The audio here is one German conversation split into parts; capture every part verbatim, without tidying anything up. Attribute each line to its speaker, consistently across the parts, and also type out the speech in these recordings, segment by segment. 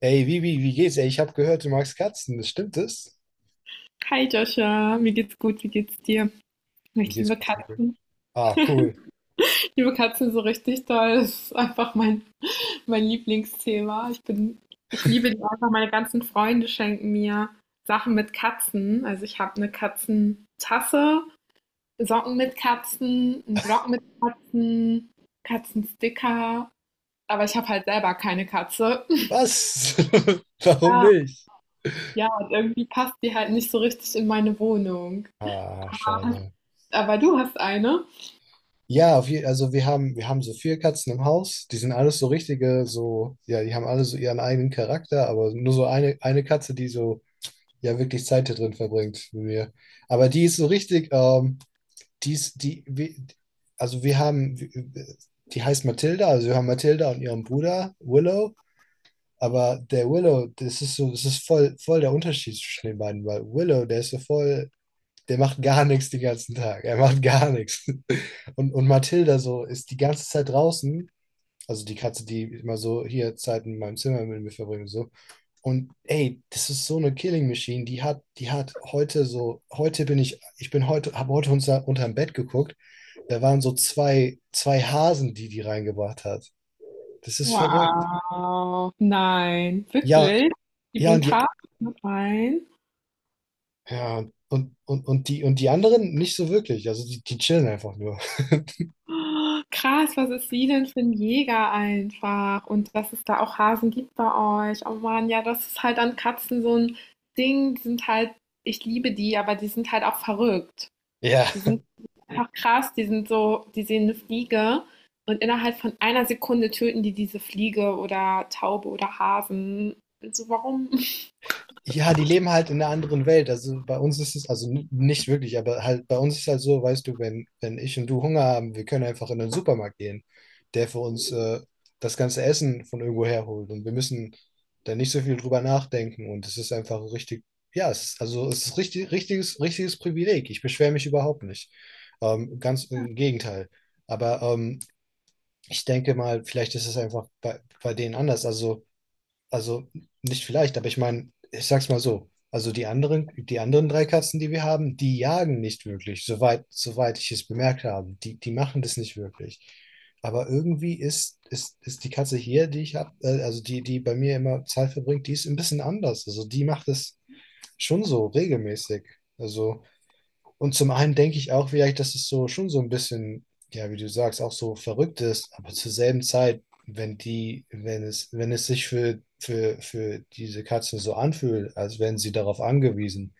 Speaker 1: Ey, wie, wie, wie geht's? Ey, ich habe gehört, du magst Katzen. Das stimmt es?
Speaker 2: Hi Joscha, mir geht's gut, wie geht's dir?
Speaker 1: Mir
Speaker 2: Ich
Speaker 1: geht's
Speaker 2: liebe
Speaker 1: gut, danke.
Speaker 2: Katzen.
Speaker 1: Ah, cool.
Speaker 2: Ich liebe Katzen so richtig doll. Das ist einfach mein, mein Lieblingsthema. Ich bin, ich liebe die einfach. Meine ganzen Freunde schenken mir Sachen mit Katzen. Also ich habe eine Katzentasse, Socken mit Katzen, einen Block mit Katzen, Katzensticker. Aber ich habe halt selber keine Katze.
Speaker 1: Was? Warum
Speaker 2: Ja,
Speaker 1: nicht?
Speaker 2: ja, und irgendwie passt die halt nicht so richtig in meine Wohnung.
Speaker 1: Ah, schade.
Speaker 2: Aber du hast eine?
Speaker 1: Ja, auf je- also wir haben, wir haben so vier Katzen im Haus. Die sind alles so richtige, so, ja, die haben alle so ihren eigenen Charakter, aber nur so eine, eine Katze, die so, ja, wirklich Zeit da drin verbringt mit mir. Aber die ist so richtig, ähm, die ist, die, wir, also wir haben, die heißt Mathilda, also wir haben Mathilda und ihren Bruder Willow. Aber der Willow, das ist so, das ist voll, voll der Unterschied zwischen den beiden, weil Willow, der ist so voll, der macht gar nichts den ganzen Tag. Er macht gar nichts. Und, und Mathilda so ist die ganze Zeit draußen, also die Katze, die immer so hier Zeit in meinem Zimmer mit mir verbringt und so. Und ey, das ist so eine Killing Machine, die hat, die hat heute so, heute bin ich, ich bin heute, habe heute unter, unterm Bett geguckt, da waren so zwei, zwei Hasen, die die reingebracht hat. Das ist verrückt.
Speaker 2: Wow. Nein,
Speaker 1: Ja,
Speaker 2: wirklich? Die
Speaker 1: ja, und
Speaker 2: bringt
Speaker 1: die,
Speaker 2: Hasen mit rein?
Speaker 1: Ja, und, und, und, die, und die anderen nicht so wirklich. Also die, die chillen einfach nur.
Speaker 2: Oh, krass, was ist sie denn für ein Jäger einfach und dass es da auch Hasen gibt bei euch. Oh Mann, ja, das ist halt an Katzen so ein Ding. Die sind halt ich liebe die, aber die sind halt auch verrückt.
Speaker 1: Ja.
Speaker 2: Die sind einfach krass, die sind so die sehen eine Fliege und innerhalb von einer Sekunde töten die diese Fliege oder Taube oder Hasen. Also, warum?
Speaker 1: Ja, die leben halt in einer anderen Welt. Also bei uns ist es, also n- nicht wirklich, aber halt bei uns ist halt so, weißt du, wenn, wenn ich und du Hunger haben, wir können einfach in den Supermarkt gehen, der für uns äh, das ganze Essen von irgendwo herholt. Und wir müssen da nicht so viel drüber nachdenken. Und es ist einfach richtig, ja, es ist, also es ist richtig, richtiges, richtiges Privileg. Ich beschwere mich überhaupt nicht. Ähm, ganz im Gegenteil. Aber ähm, ich denke mal, vielleicht ist es einfach bei, bei denen anders. Also, also nicht vielleicht, aber ich meine, ich sag's mal so. Also die anderen, die anderen drei Katzen, die wir haben, die jagen nicht wirklich, soweit, soweit ich es bemerkt habe. Die, die machen das nicht wirklich. Aber irgendwie ist, ist, ist die Katze hier, die ich habe, äh, also die, die bei mir immer Zeit verbringt, die ist ein bisschen anders. Also die macht es schon so regelmäßig. Also und zum einen denke ich auch vielleicht, dass es so schon so ein bisschen, ja, wie du sagst, auch so verrückt ist, aber zur selben Zeit, wenn die, wenn es, wenn es sich für, für, für diese Katzen so anfühlt, als wären sie darauf angewiesen,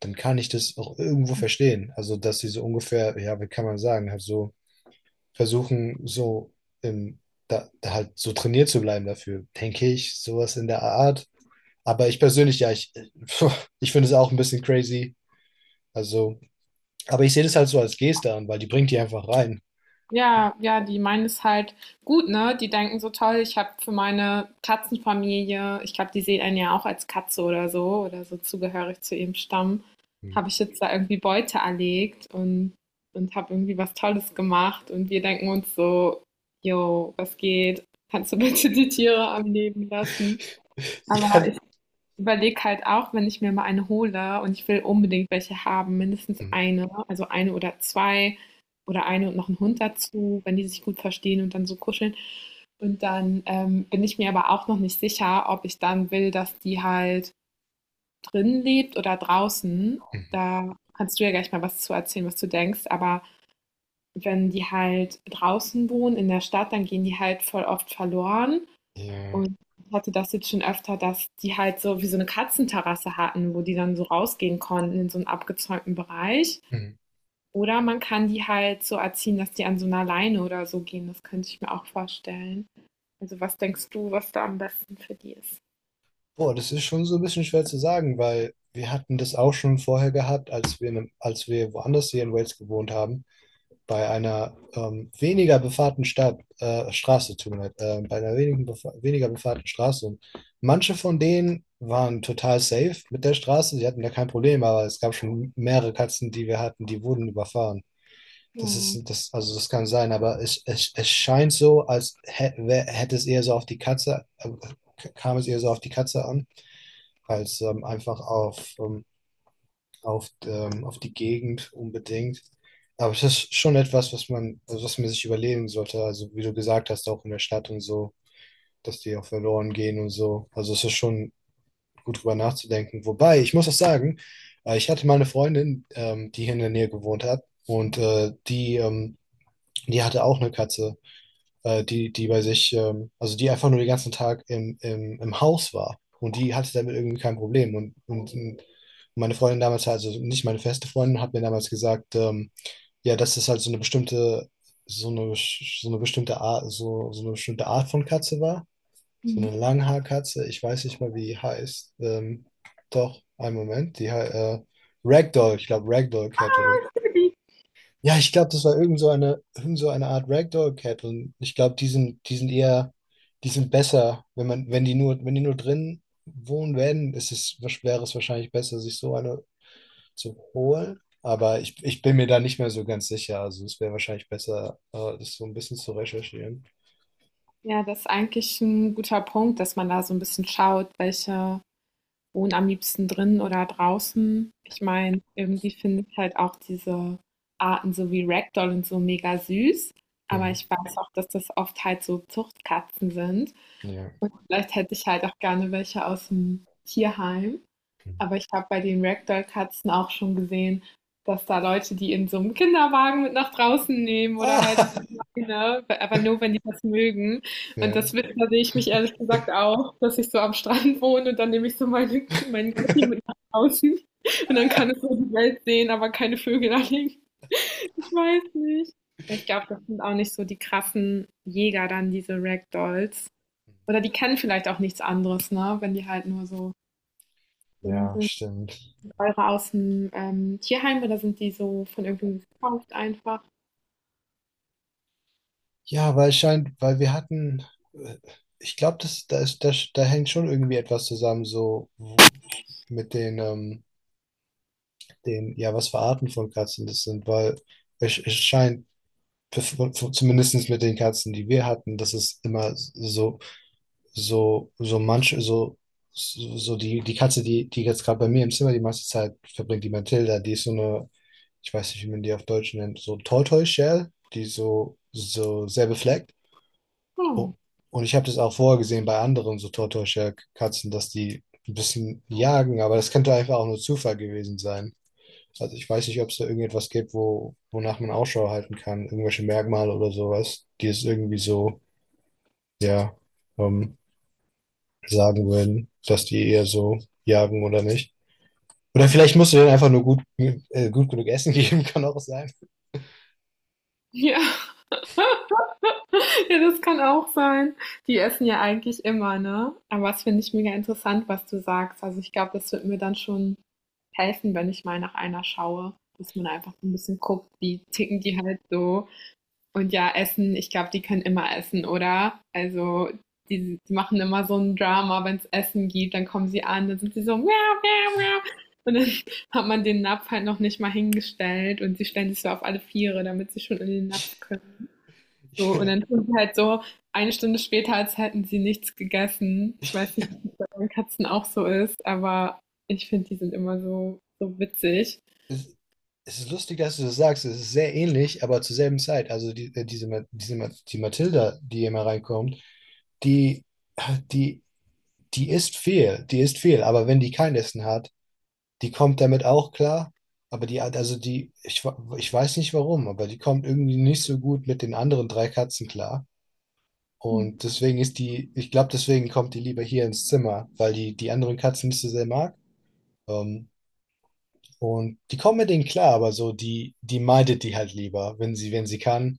Speaker 1: dann kann ich das auch irgendwo verstehen. Also, dass sie so ungefähr, ja, wie kann man sagen, halt so versuchen, so im, da, da halt so trainiert zu bleiben dafür, denke ich, sowas in der Art. Aber ich persönlich, ja, ich, ich finde es auch ein bisschen crazy. Also, aber ich sehe das halt so als Geste an, weil die bringt die einfach rein.
Speaker 2: Ja, ja, die meinen es halt gut, ne? Die denken so toll, ich habe für meine Katzenfamilie, ich glaube, die sehen einen ja auch als Katze oder so, oder so zugehörig zu ihrem Stamm,
Speaker 1: Hm.
Speaker 2: habe ich jetzt da irgendwie Beute erlegt und, und habe irgendwie was Tolles gemacht. Und wir denken uns so, jo, was geht? Kannst du bitte die Tiere am Leben lassen? Aber
Speaker 1: Ja,
Speaker 2: ich überlege halt auch, wenn ich mir mal eine hole und ich will unbedingt welche haben, mindestens
Speaker 1: Hm,
Speaker 2: eine, also eine oder zwei oder eine und noch einen Hund dazu, wenn die sich gut verstehen und dann so kuscheln. Und dann ähm, bin ich mir aber auch noch nicht sicher, ob ich dann will, dass die halt drin lebt oder draußen.
Speaker 1: hm,
Speaker 2: Da kannst du ja gleich mal was zu erzählen, was du denkst. Aber wenn die halt draußen wohnen in der Stadt, dann gehen die halt voll oft verloren.
Speaker 1: Ja.
Speaker 2: Und ich hatte das jetzt schon öfter, dass die halt so wie so eine Katzenterrasse hatten, wo die dann so rausgehen konnten in so einen abgezäunten Bereich.
Speaker 1: Hm.
Speaker 2: Oder man kann die halt so erziehen, dass die an so 'ner Leine oder so gehen. Das könnte ich mir auch vorstellen. Also, was denkst du, was da am besten für die ist?
Speaker 1: Boah, das ist schon so ein bisschen schwer zu sagen, weil wir hatten das auch schon vorher gehabt, als wir, in einem- als wir woanders hier in Wales gewohnt haben, bei einer ähm, weniger befahrten Stadt, äh, Straße, tut mir leid, äh, bei einer wenigen befa weniger befahrten Straße. Und manche von denen waren total safe mit der Straße, sie hatten da kein Problem, aber es gab schon mehrere Katzen, die wir hatten, die wurden überfahren. Das
Speaker 2: Mhm.
Speaker 1: ist, das, also das kann sein, aber es, es, es scheint so, als hä- wär- hätte es eher so auf die Katze, äh, k- kam es eher so auf die Katze an, als ähm, einfach auf, ähm, auf, ähm, auf die Gegend unbedingt. Aber es ist schon etwas, was man, also was man sich überlegen sollte. Also wie du gesagt hast, auch in der Stadt und so, dass die auch verloren gehen und so. Also es ist schon gut drüber nachzudenken. Wobei, ich muss auch sagen, äh, ich hatte mal eine Freundin, ähm, die hier in der Nähe gewohnt hat und äh, die ähm, die hatte auch eine Katze, äh, die, die bei sich, ähm, also die einfach nur den ganzen Tag im, im, im Haus war. Und die hatte damit irgendwie kein Problem. Und, und, und meine Freundin damals, also nicht meine feste Freundin, hat mir damals gesagt, ähm, ja, das ist halt so eine bestimmte, so eine, so eine bestimmte Art, so, so eine bestimmte Art von Katze war. So
Speaker 2: Mhm.
Speaker 1: eine Langhaarkatze, ich weiß nicht mal, wie die heißt. Ähm, doch, einen Moment, die hei- äh, Ragdoll, ich glaube Ragdoll Cat
Speaker 2: Ah,
Speaker 1: oder
Speaker 2: ich liebe die.
Speaker 1: ja, ich glaube, das war irgend so eine, irgend so eine Art Ragdoll Cat, und ich glaube, die sind, die sind eher, die sind besser, wenn man, wenn die nur, wenn die nur drin wohnen werden, ist es, wäre es wahrscheinlich besser, sich so eine zu holen. Aber ich, ich bin mir da nicht mehr so ganz sicher. Also es wäre wahrscheinlich besser, äh, das so ein bisschen zu recherchieren.
Speaker 2: Ja, das ist eigentlich ein guter Punkt, dass man da so ein bisschen schaut, welche wohne am liebsten drin oder draußen. Ich meine, irgendwie finde ich halt auch diese Arten so wie Ragdoll und so mega süß. Aber
Speaker 1: Mhm.
Speaker 2: ich weiß auch, dass das oft halt so Zuchtkatzen sind.
Speaker 1: Ja.
Speaker 2: Vielleicht hätte ich halt auch gerne welche aus dem Tierheim.
Speaker 1: Mhm.
Speaker 2: Aber ich habe bei den Ragdoll-Katzen auch schon gesehen, dass da Leute die in so einem Kinderwagen mit nach draußen nehmen oder halt
Speaker 1: Ah,
Speaker 2: an die Leine, aber nur, wenn die das mögen. Und
Speaker 1: ja,
Speaker 2: das wird da sehe ich mich ehrlich gesagt auch, dass ich so am Strand wohne und dann nehme ich so meine meinen Kitty mit nach draußen und dann kann es so die Welt sehen, aber keine Vögel anhängen. Ich weiß nicht. Ich glaube, das sind auch nicht so die krassen Jäger dann, diese Ragdolls. Oder die kennen vielleicht auch nichts anderes, ne, wenn die halt nur so dünn
Speaker 1: ja,
Speaker 2: sind.
Speaker 1: stimmt.
Speaker 2: Eure aus dem ähm, Tierheim oder sind die so von irgendwem gekauft einfach?
Speaker 1: Ja, weil scheint, weil wir hatten, äh, ich glaube, das, da ist, da, da hängt schon irgendwie etwas zusammen, so w- mit den, ähm, den, ja, was für Arten von Katzen das sind, weil es, es scheint, zumindest mit den Katzen, die wir hatten, dass es immer so, so, so manche, so, so so die, die Katze, die, die jetzt gerade bei mir im Zimmer die meiste Zeit verbringt, die Mathilda, die ist so eine, ich weiß nicht, wie man die auf Deutsch nennt, so Tortoise Shell, die so, so sehr befleckt.
Speaker 2: Hm.
Speaker 1: Oh, und ich habe das auch vorher gesehen bei anderen so Tortoise-Katzen, dass die ein bisschen jagen, aber das könnte einfach auch nur Zufall gewesen sein. Also ich weiß nicht, ob es da irgendetwas gibt, wo, wonach man Ausschau halten kann, irgendwelche Merkmale oder sowas, die es irgendwie so, ja, ähm, sagen würden, dass die eher so jagen oder nicht. Oder vielleicht musst du denen einfach nur gut, äh, gut genug Essen geben, kann auch sein.
Speaker 2: Ja, ja, das kann auch sein. Die essen ja eigentlich immer, ne? Aber das finde ich mega interessant, was du sagst. Also ich glaube, das wird mir dann schon helfen, wenn ich mal nach einer schaue, dass man einfach so ein bisschen guckt, wie ticken die halt so. Und ja, Essen, ich glaube, die können immer essen, oder? Also die, die machen immer so ein Drama, wenn es Essen gibt, dann kommen sie an, dann sind sie so, miau, miau, miau. Und dann hat man den Napf halt noch nicht mal hingestellt und sie stellen sich so auf alle Viere, damit sie schon in den Napf können. So, und dann tun sie halt so eine Stunde später, als hätten sie nichts gegessen. Ich weiß nicht, ob das bei den Katzen auch so ist, aber ich finde, die sind immer so, so witzig.
Speaker 1: Ja. Es ist lustig, dass du das sagst. Es ist sehr ähnlich, aber zur selben Zeit. Also die, äh, diese, Ma- diese, Ma- die Mathilda, die immer reinkommt, die, die, die isst viel, die isst viel. Aber wenn die kein Essen hat, die kommt damit auch klar. Aber die, hat- also die, ich, wa- ich weiß nicht warum, aber die kommt irgendwie nicht so gut mit den anderen drei Katzen klar. Und deswegen ist die, ich glaube, deswegen kommt die lieber hier ins Zimmer, weil die die anderen Katzen nicht so sehr mag. Ähm, und die kommen mit denen klar, aber so, die, die meidet die halt lieber, wenn sie, wenn sie kann.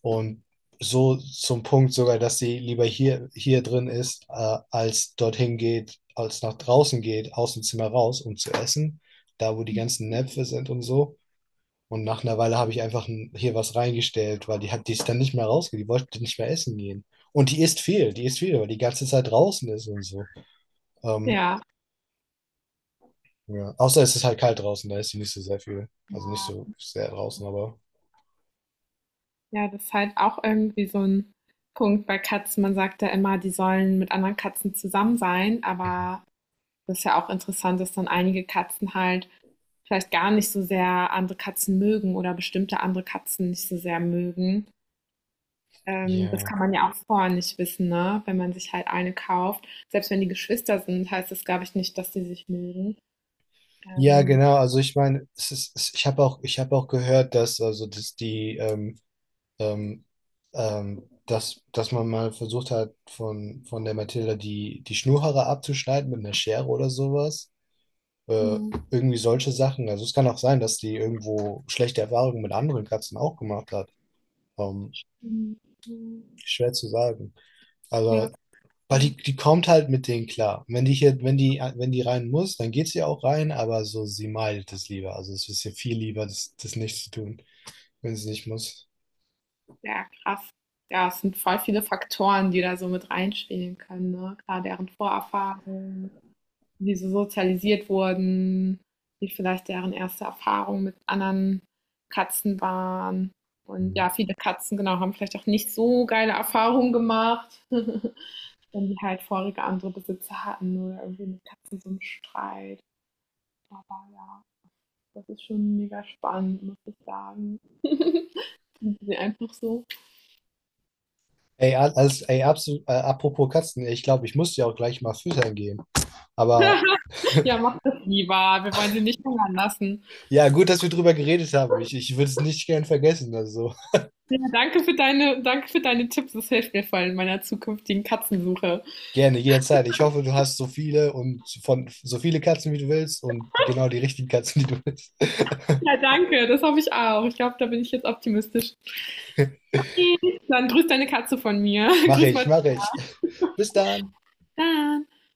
Speaker 1: Und so zum Punkt sogar, dass sie lieber hier, hier drin ist, äh, als dorthin geht, als nach draußen geht, aus dem Zimmer raus, um zu essen, da wo die ganzen Näpfe sind und so. Und nach einer Weile habe ich einfach n- hier was reingestellt, weil die hat, die ist dann nicht mehr rausgegangen, die wollte nicht mehr essen gehen. Und die isst viel, die isst viel, weil die ganze Zeit draußen ist und so. Ähm,
Speaker 2: Ja,
Speaker 1: ja. Außer es ist halt kalt draußen, da ist sie nicht so sehr viel. Also nicht so sehr draußen, aber
Speaker 2: ja, das ist halt auch irgendwie so ein Punkt bei Katzen. Man sagt ja immer, die sollen mit anderen Katzen zusammen sein, aber das ist ja auch interessant, dass dann einige Katzen halt vielleicht gar nicht so sehr andere Katzen mögen oder bestimmte andere Katzen nicht so sehr mögen. Ähm, das
Speaker 1: ja.
Speaker 2: kann man ja auch vorher nicht wissen, ne, wenn man sich halt eine kauft. Selbst wenn die Geschwister sind, heißt das, glaube ich, nicht, dass die sich mögen.
Speaker 1: Ja,
Speaker 2: Ähm,
Speaker 1: genau. Also ich meine, es ist, es, ich habe auch, ich habe auch gehört, dass also dass die ähm, ähm, ähm, dass, dass man mal versucht hat, von, von der Mathilda die, die Schnurhaare abzuschneiden mit einer Schere oder sowas. Äh,
Speaker 2: mhm,
Speaker 1: irgendwie solche Sachen. Also es kann auch sein, dass die irgendwo schlechte Erfahrungen mit anderen Katzen auch gemacht hat. Ähm,
Speaker 2: mhm, mhm.
Speaker 1: Schwer zu sagen.
Speaker 2: Ja, das
Speaker 1: Aber weil die, die kommt halt mit denen klar. Und wenn die hier, wenn die, wenn die rein muss, dann geht sie auch rein, aber so, sie meidet es lieber. Also es ist ihr viel lieber, das, das nicht zu tun, wenn sie nicht muss.
Speaker 2: Ja, krass. Ja, es sind voll viele Faktoren, die da so mit reinspielen können, ne? Klar, deren Vorerfahrungen, wie sie sozialisiert wurden, wie vielleicht deren erste Erfahrung mit anderen Katzen waren. Und
Speaker 1: Mhm.
Speaker 2: ja, viele Katzen, genau, haben vielleicht auch nicht so geile Erfahrungen gemacht, wenn die halt vorige andere Besitzer hatten oder irgendwie mit Katzen so einen Streit. Aber ja, das ist schon mega spannend, muss ich sagen. Sind sie einfach so.
Speaker 1: Ey, al- als, ey, absolut, äh, apropos Katzen, ich glaube, ich muss ja auch gleich mal füttern gehen. Aber
Speaker 2: Ja, mach das lieber. Wir wollen sie nicht hungern lassen.
Speaker 1: ja, gut, dass wir drüber geredet haben. Ich, ich würde es nicht gern vergessen. Also.
Speaker 2: Ja, danke für deine, danke für deine Tipps. Das hilft mir voll in meiner zukünftigen Katzensuche.
Speaker 1: Gerne, jederzeit. Ich hoffe, du hast so viele und von so viele Katzen, wie du willst und genau die richtigen Katzen, die du willst.
Speaker 2: Ja, danke. Das hoffe ich auch. Ich glaube, da bin ich jetzt optimistisch. Okay, dann grüß deine Katze von mir.
Speaker 1: Mache
Speaker 2: Grüß
Speaker 1: ich,
Speaker 2: mal.
Speaker 1: mache ich. Bis dann.
Speaker 2: Dann.